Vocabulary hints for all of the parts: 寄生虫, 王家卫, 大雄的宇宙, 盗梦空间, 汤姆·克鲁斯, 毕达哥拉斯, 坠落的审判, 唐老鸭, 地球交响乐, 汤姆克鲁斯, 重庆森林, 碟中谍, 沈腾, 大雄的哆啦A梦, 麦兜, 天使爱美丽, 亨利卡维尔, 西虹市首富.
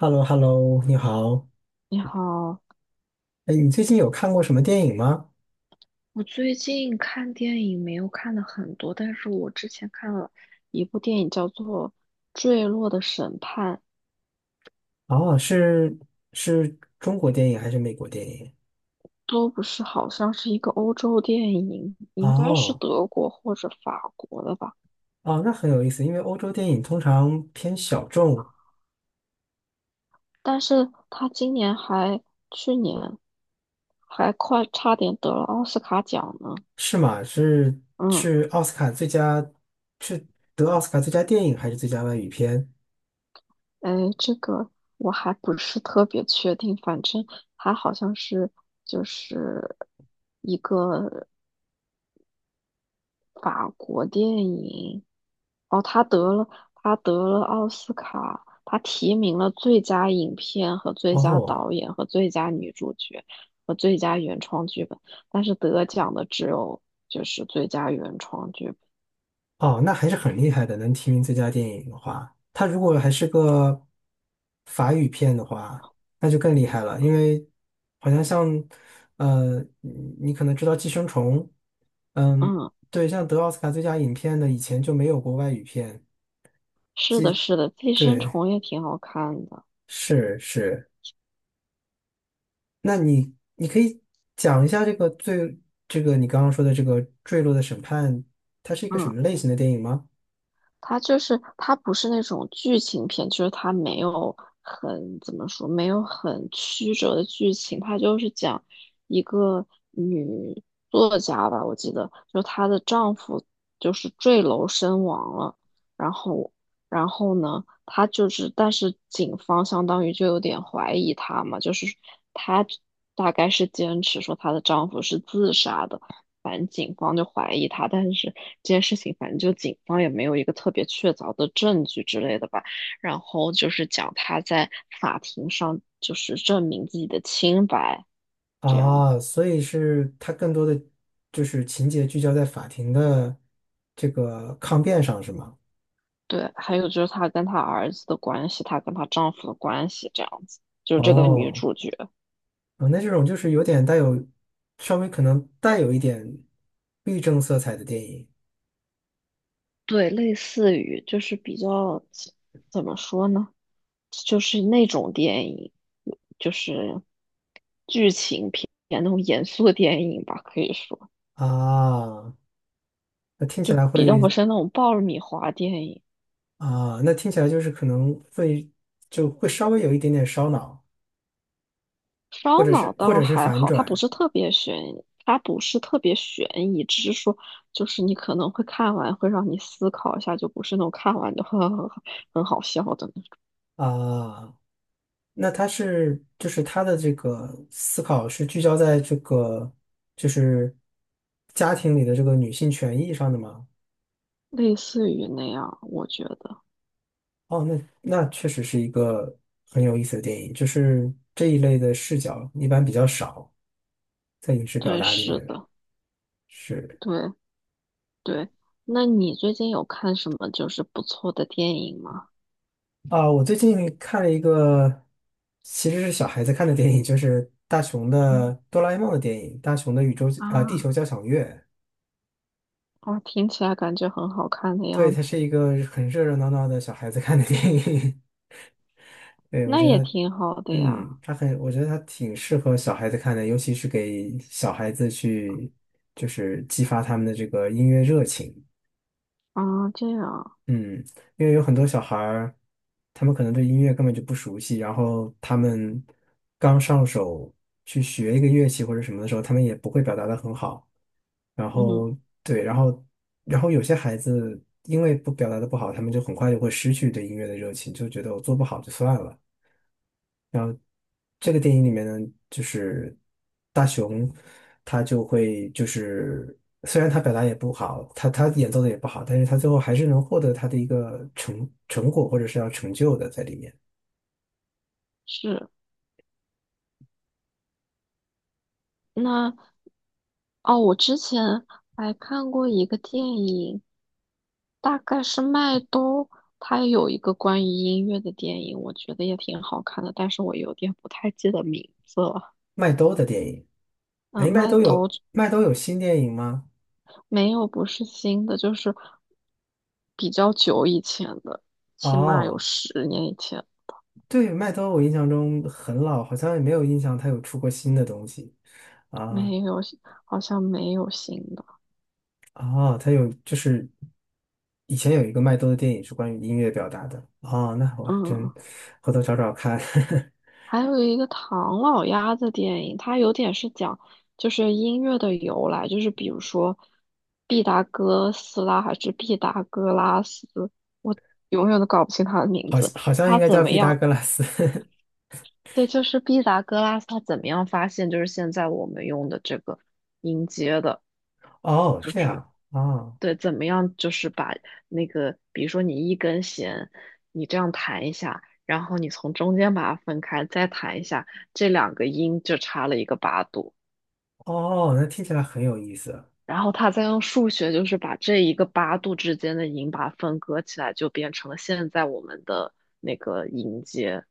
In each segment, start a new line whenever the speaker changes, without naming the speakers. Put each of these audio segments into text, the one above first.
h e l l o hello 你好。
你好，
哎，你最近有看过什么电影吗？
我最近看电影没有看的很多，但是我之前看了一部电影叫做《坠落的审判》，
哦,是中国电影还是美国电影？
都不是，好像是一个欧洲电影，应该是
哦
德国或者法国的吧。
哦，那很有意思，因为欧洲电影通常偏小众，
但是他今年还，去年还快差点得了奥斯卡奖呢。
是吗？是
嗯，
是奥斯卡最佳，是得奥斯卡最佳电影还是最佳外语片？
哎，这个我还不是特别确定，反正它好像是就是一个。法国电影，哦，他得了奥斯卡，他提名了最佳影片和最佳
哦
导演和最佳女主角和最佳原创剧本，但是得奖的只有就是最佳原创剧本。
哦，那还是很厉害的，能提名最佳电影的话，它如果还是个法语片的话，那就更厉害了，因为好像像呃，你你可能知道《寄生虫》，嗯，
嗯，
对，像得奥斯卡最佳影片的以前就没有过外语片，
是的，是的，《寄生
对，
虫》也挺好看的。
是，那你可以讲一下这个最这个你刚刚说的这个《坠落的审判》，它是一个什
嗯。
么类型的电影吗？
它不是那种剧情片，就是它没有很怎么说，没有很曲折的剧情，它就是讲一个女作家吧，我记得，就她的丈夫就是坠楼身亡了，然后然后呢，她就是，但是警方相当于就有点怀疑她嘛，就是她大概是坚持说她的丈夫是自杀的。反正警方就怀疑他，但是这件事情反正就警方也没有一个特别确凿的证据之类的吧。然后就是讲他在法庭上就是证明自己的清白这样子。
啊，所以是它更多的就是情节聚焦在法庭的这个抗辩上，是吗？
对，还有就是她跟她儿子的关系，她跟她丈夫的关系这样子，就是这个女
哦，
主角。
啊，那这种就是有点带有稍微可能带有一点律政色彩的电影。
对，类似于就是比较怎么说呢，就是那种电影，就是剧情片那种严肃的电影吧，可以说。
啊，那听起
就
来
比较不
会。
是那种爆米花电影，
啊，那听起来就是可能会就会稍微有一点点烧脑，或
烧
者
脑
是或
倒
者是
还
反
好，它不
转
是特别悬疑，它不是特别悬疑，只是说就是你可能会看完会让你思考一下，就不是那种看完就 呵呵呵很好笑的那种，
啊。那他是就是他的这个思考是聚焦在这个就是家庭里的这个女性权益上的吗？
类似于那样，我觉得，
哦，那那确实是一个很有意思的电影，就是这一类的视角一般比较少在影视表
对，
达里
是
面。
的，
是。
对对。那你最近有看什么就是不错的电影吗？
啊，我最近看了一个其实是小孩子看的电影，就是大雄的
嗯
哆啦 A 梦的电影，大雄的宇宙啊、地
啊，
球交响乐。
哦，听起来感觉很好看的
对，
样
它是
子，
一个很热热闹闹的小孩子看的电影。对，我
那
觉
也
得，
挺好的呀。
嗯，他很，我觉得他挺适合小孩子看的，尤其是给小孩子去，就是激发他们的这个音乐热情。
啊，这样，
嗯，因为有很多小孩儿，他们可能对音乐根本就不熟悉，然后他们刚上手去学一个乐器或者什么的时候，他们也不会表达的很好。然
嗯。
后对，然后然后有些孩子因为不表达的不好，他们就很快就会失去对音乐的热情，就觉得我做不好就算了。然后这个电影里面呢，就是大雄他就会就是虽然他表达也不好，他演奏的也不好，但是他最后还是能获得他的一个成果或者是要成就的在里面。
是，那哦，我之前还看过一个电影，大概是麦兜，它有一个关于音乐的电影，我觉得也挺好看的，但是我有点不太记得名字了。
麦兜的电影，
嗯，
哎，麦
麦
兜
兜
有麦兜有新电影吗？
没有不是新的，就是比较久以前的，起码有
哦，
10年以前，
对，麦兜我印象中很老，好像也没有印象他有出过新的东西啊。
没有，好像没有新的。
哦，他有就是以前有一个麦兜的电影是关于音乐表达的哦，那我还真
嗯。
回头找找看，
还有一个唐老鸭的电影，它有点是讲就是音乐的由来，就是比如说毕达哥斯拉还是毕达哥拉斯，我永远都搞不清他的 名
好
字。
好像应
他
该
怎
叫
么
毕达
样？
哥拉斯。
对，就是毕达哥拉斯，他怎么样发现就是现在我们用的这个音阶的？
哦，
就
这
是。
样哦。
对，怎么样就是把那个，比如说你一根弦，你这样弹一下，然后你从中间把它分开，再弹一下，这两个音就差了一个八度，
哦，那听起来很有意思
然后他再用数学就是把这一个八度之间的音把它分割起来，就变成了现在我们的那个音阶，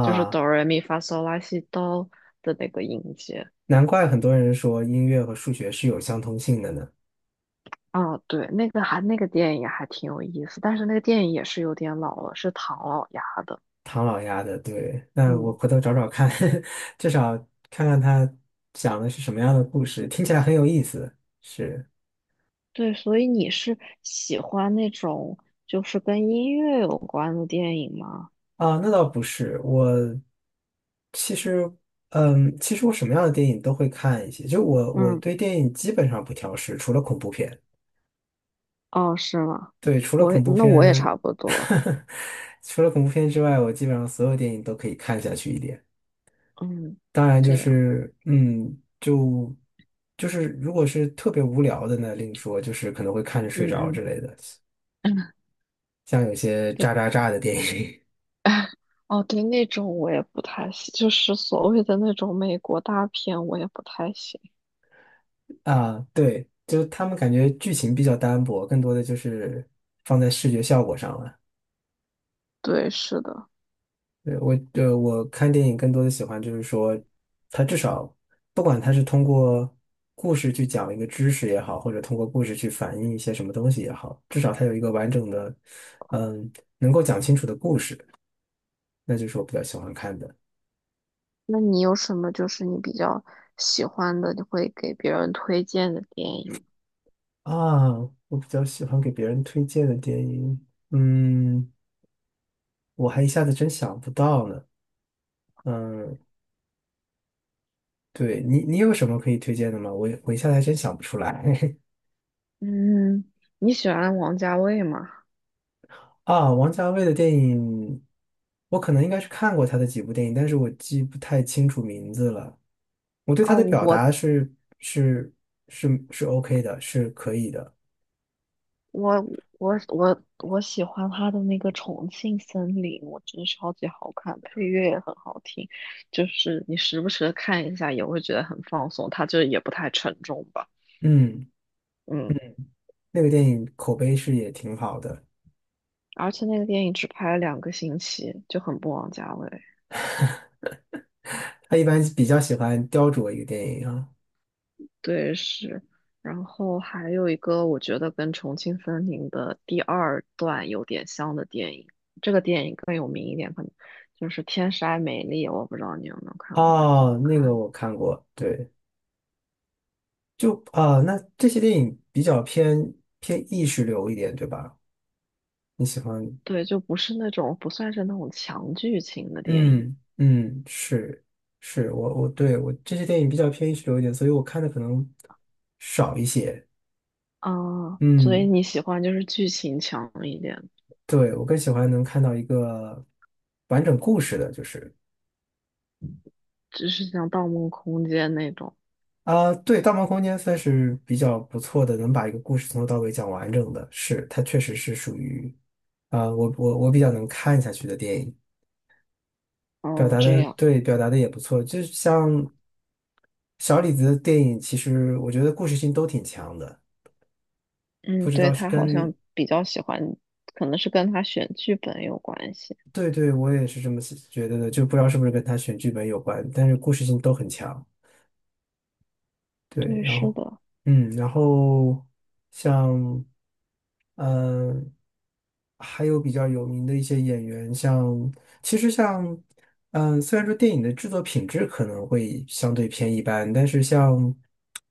就是哆来咪发嗦拉西哆的那个音阶。
难怪很多人说音乐和数学是有相通性的呢。
啊，对，那个还那个电影还挺有意思，但是那个电影也是有点老了，是唐老鸭的，
唐老鸭的，对，那我
嗯。
回头找找看，至少看看他讲的是什么样的故事，听起来很有意思，是。
对，所以你是喜欢那种就是跟音乐有关的电影吗？
啊，那倒不是，我其实，嗯，其实我什么样的电影都会看一些，就我
嗯，
对电影基本上不挑食，除了恐怖片。
哦，是吗？
对，除了
我
恐怖
那我也
片，
差不多，
除了恐怖片之外，我基本上所有电影都可以看下去一点。
嗯，
当然就
这样，
是，嗯，就是如果是特别无聊的呢，另说，就是可能会看着睡着之
嗯
类的，
嗯，
像有些
对，
渣渣渣的电影。
哦对，那种我也不太喜，就是所谓的那种美国大片，我也不太喜。
啊，对，就他们感觉剧情比较单薄，更多的就是放在视觉效果上了。
对，是的。
对，我，我看电影更多的喜欢就是说，它至少不管它是通过故事去讲一个知识也好，或者通过故事去反映一些什么东西也好，至少它有一个完整的，嗯，能够讲清楚的故事，那就是我比较喜欢看的。
那你有什么就是你比较喜欢的，你会给别人推荐的电影？
啊，我比较喜欢给别人推荐的电影，嗯，我还一下子真想不到呢。嗯，对你，你有什么可以推荐的吗？我一下子还真想不出来。
嗯，你喜欢王家卫吗？
啊。王家卫的电影，我可能应该是看过他的几部电影，但是我记不太清楚名字了。我对他
啊，
的表达是是是 OK 的，是可以的。
我我喜欢他的那个《重庆森林》，我觉得超级好看，配乐也很好听，就是你时不时的看一下也会觉得很放松，它就也不太沉重吧，
嗯，
嗯，
嗯,那个电影口碑是也挺好的。
而且那个电影只拍了2个星期，就很不枉家卫，
他一般比较喜欢雕琢一个电影啊。
对是，然后还有一个我觉得跟《重庆森林》的第二段有点像的电影，这个电影更有名一点，可能就是《天使爱美丽》，我不知道你有没有看过，也挺
哦，
好
那个
看。
我看过，对，就啊，那这些电影比较偏意识流一点，对吧？你喜欢？
对，就不是那种不算是那种强剧情的电影
嗯嗯，是，我对我这些电影比较偏意识流一点，所以我看的可能少一些。
啊，所以
嗯，
你喜欢就是剧情强一点，
对，我更喜欢能看到一个完整故事的，就是
只是像《盗梦空间》那种。
啊，对，《盗梦空间》算是比较不错的，能把一个故事从头到尾讲完整的，是它确实是属于啊，我比较能看下去的电影，表
哦，
达
这
的
样，
对，表达的也不错，就是像小李子的电影，其实我觉得故事性都挺强的。
嗯，
不知
对，
道是
他好像
跟
比较喜欢，可能是跟他选剧本有关系。
对对，我也是这么觉得的，就不知道是不是跟他选剧本有关，但是故事性都很强。对，
对，
然
是
后，
的，
嗯，然后像，嗯、还有比较有名的一些演员，像其实像，嗯、虽然说电影的制作品质可能会相对偏一般，但是像，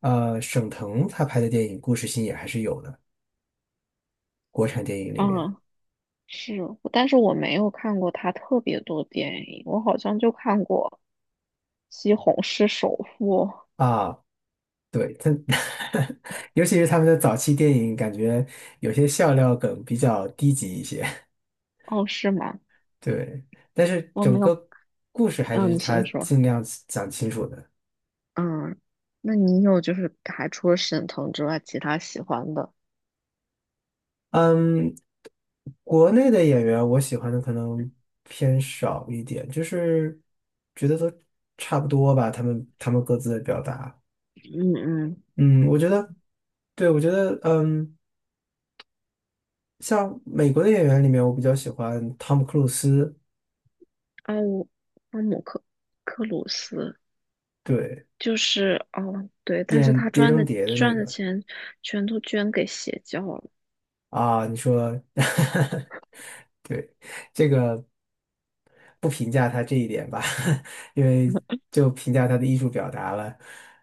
沈腾他拍的电影故事性也还是有的，国产电影里面。
啊，是，但是我没有看过他特别多电影，我好像就看过《西虹市首富》
啊。对，他，尤其是他们的早期电影，感觉有些笑料梗比较低级一些。
哦，是吗？
对，但是
我
整
没有，
个故事还
嗯，
是
你
他
先说。
尽量讲清楚的。
嗯，那你有就是还除了沈腾之外，其他喜欢的？
嗯，国内的演员我喜欢的可能偏少一点，就是觉得都差不多吧，他们各自的表达。
嗯嗯，
嗯，我觉得，对，我觉得，嗯，像美国的演员里面，我比较喜欢汤姆·克鲁斯，
哦，汤姆克鲁斯
对，
就是哦，对，但是
演
他
《碟
赚
中
的
谍》的那
赚的
个。
钱全都捐给邪教了。
啊，你说，对，这个不评价他这一点吧，因为就评价他的艺术表达了。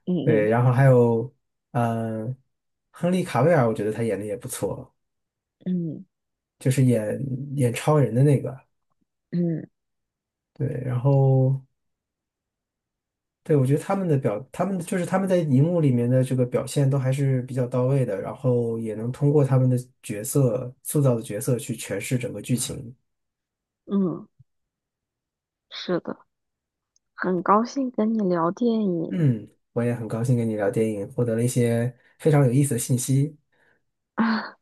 嗯
对，
嗯
然后还有，呃，亨利卡维尔，我觉得他演的也不错，
嗯
就是演超人的那个。
嗯
对，然后对，我觉得他们的表，他们就是他们在荧幕里面的这个表现都还是比较到位的，然后也能通过他们的角色塑造的角色去诠释整个剧情。
嗯，是的，很高兴跟你聊电影，
嗯，我也很高兴跟你聊电影，获得了一些非常有意思的信息。
啊，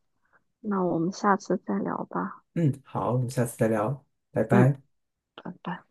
那我们下次再聊吧。
嗯，好，我们下次再聊，拜
嗯，
拜。
拜拜。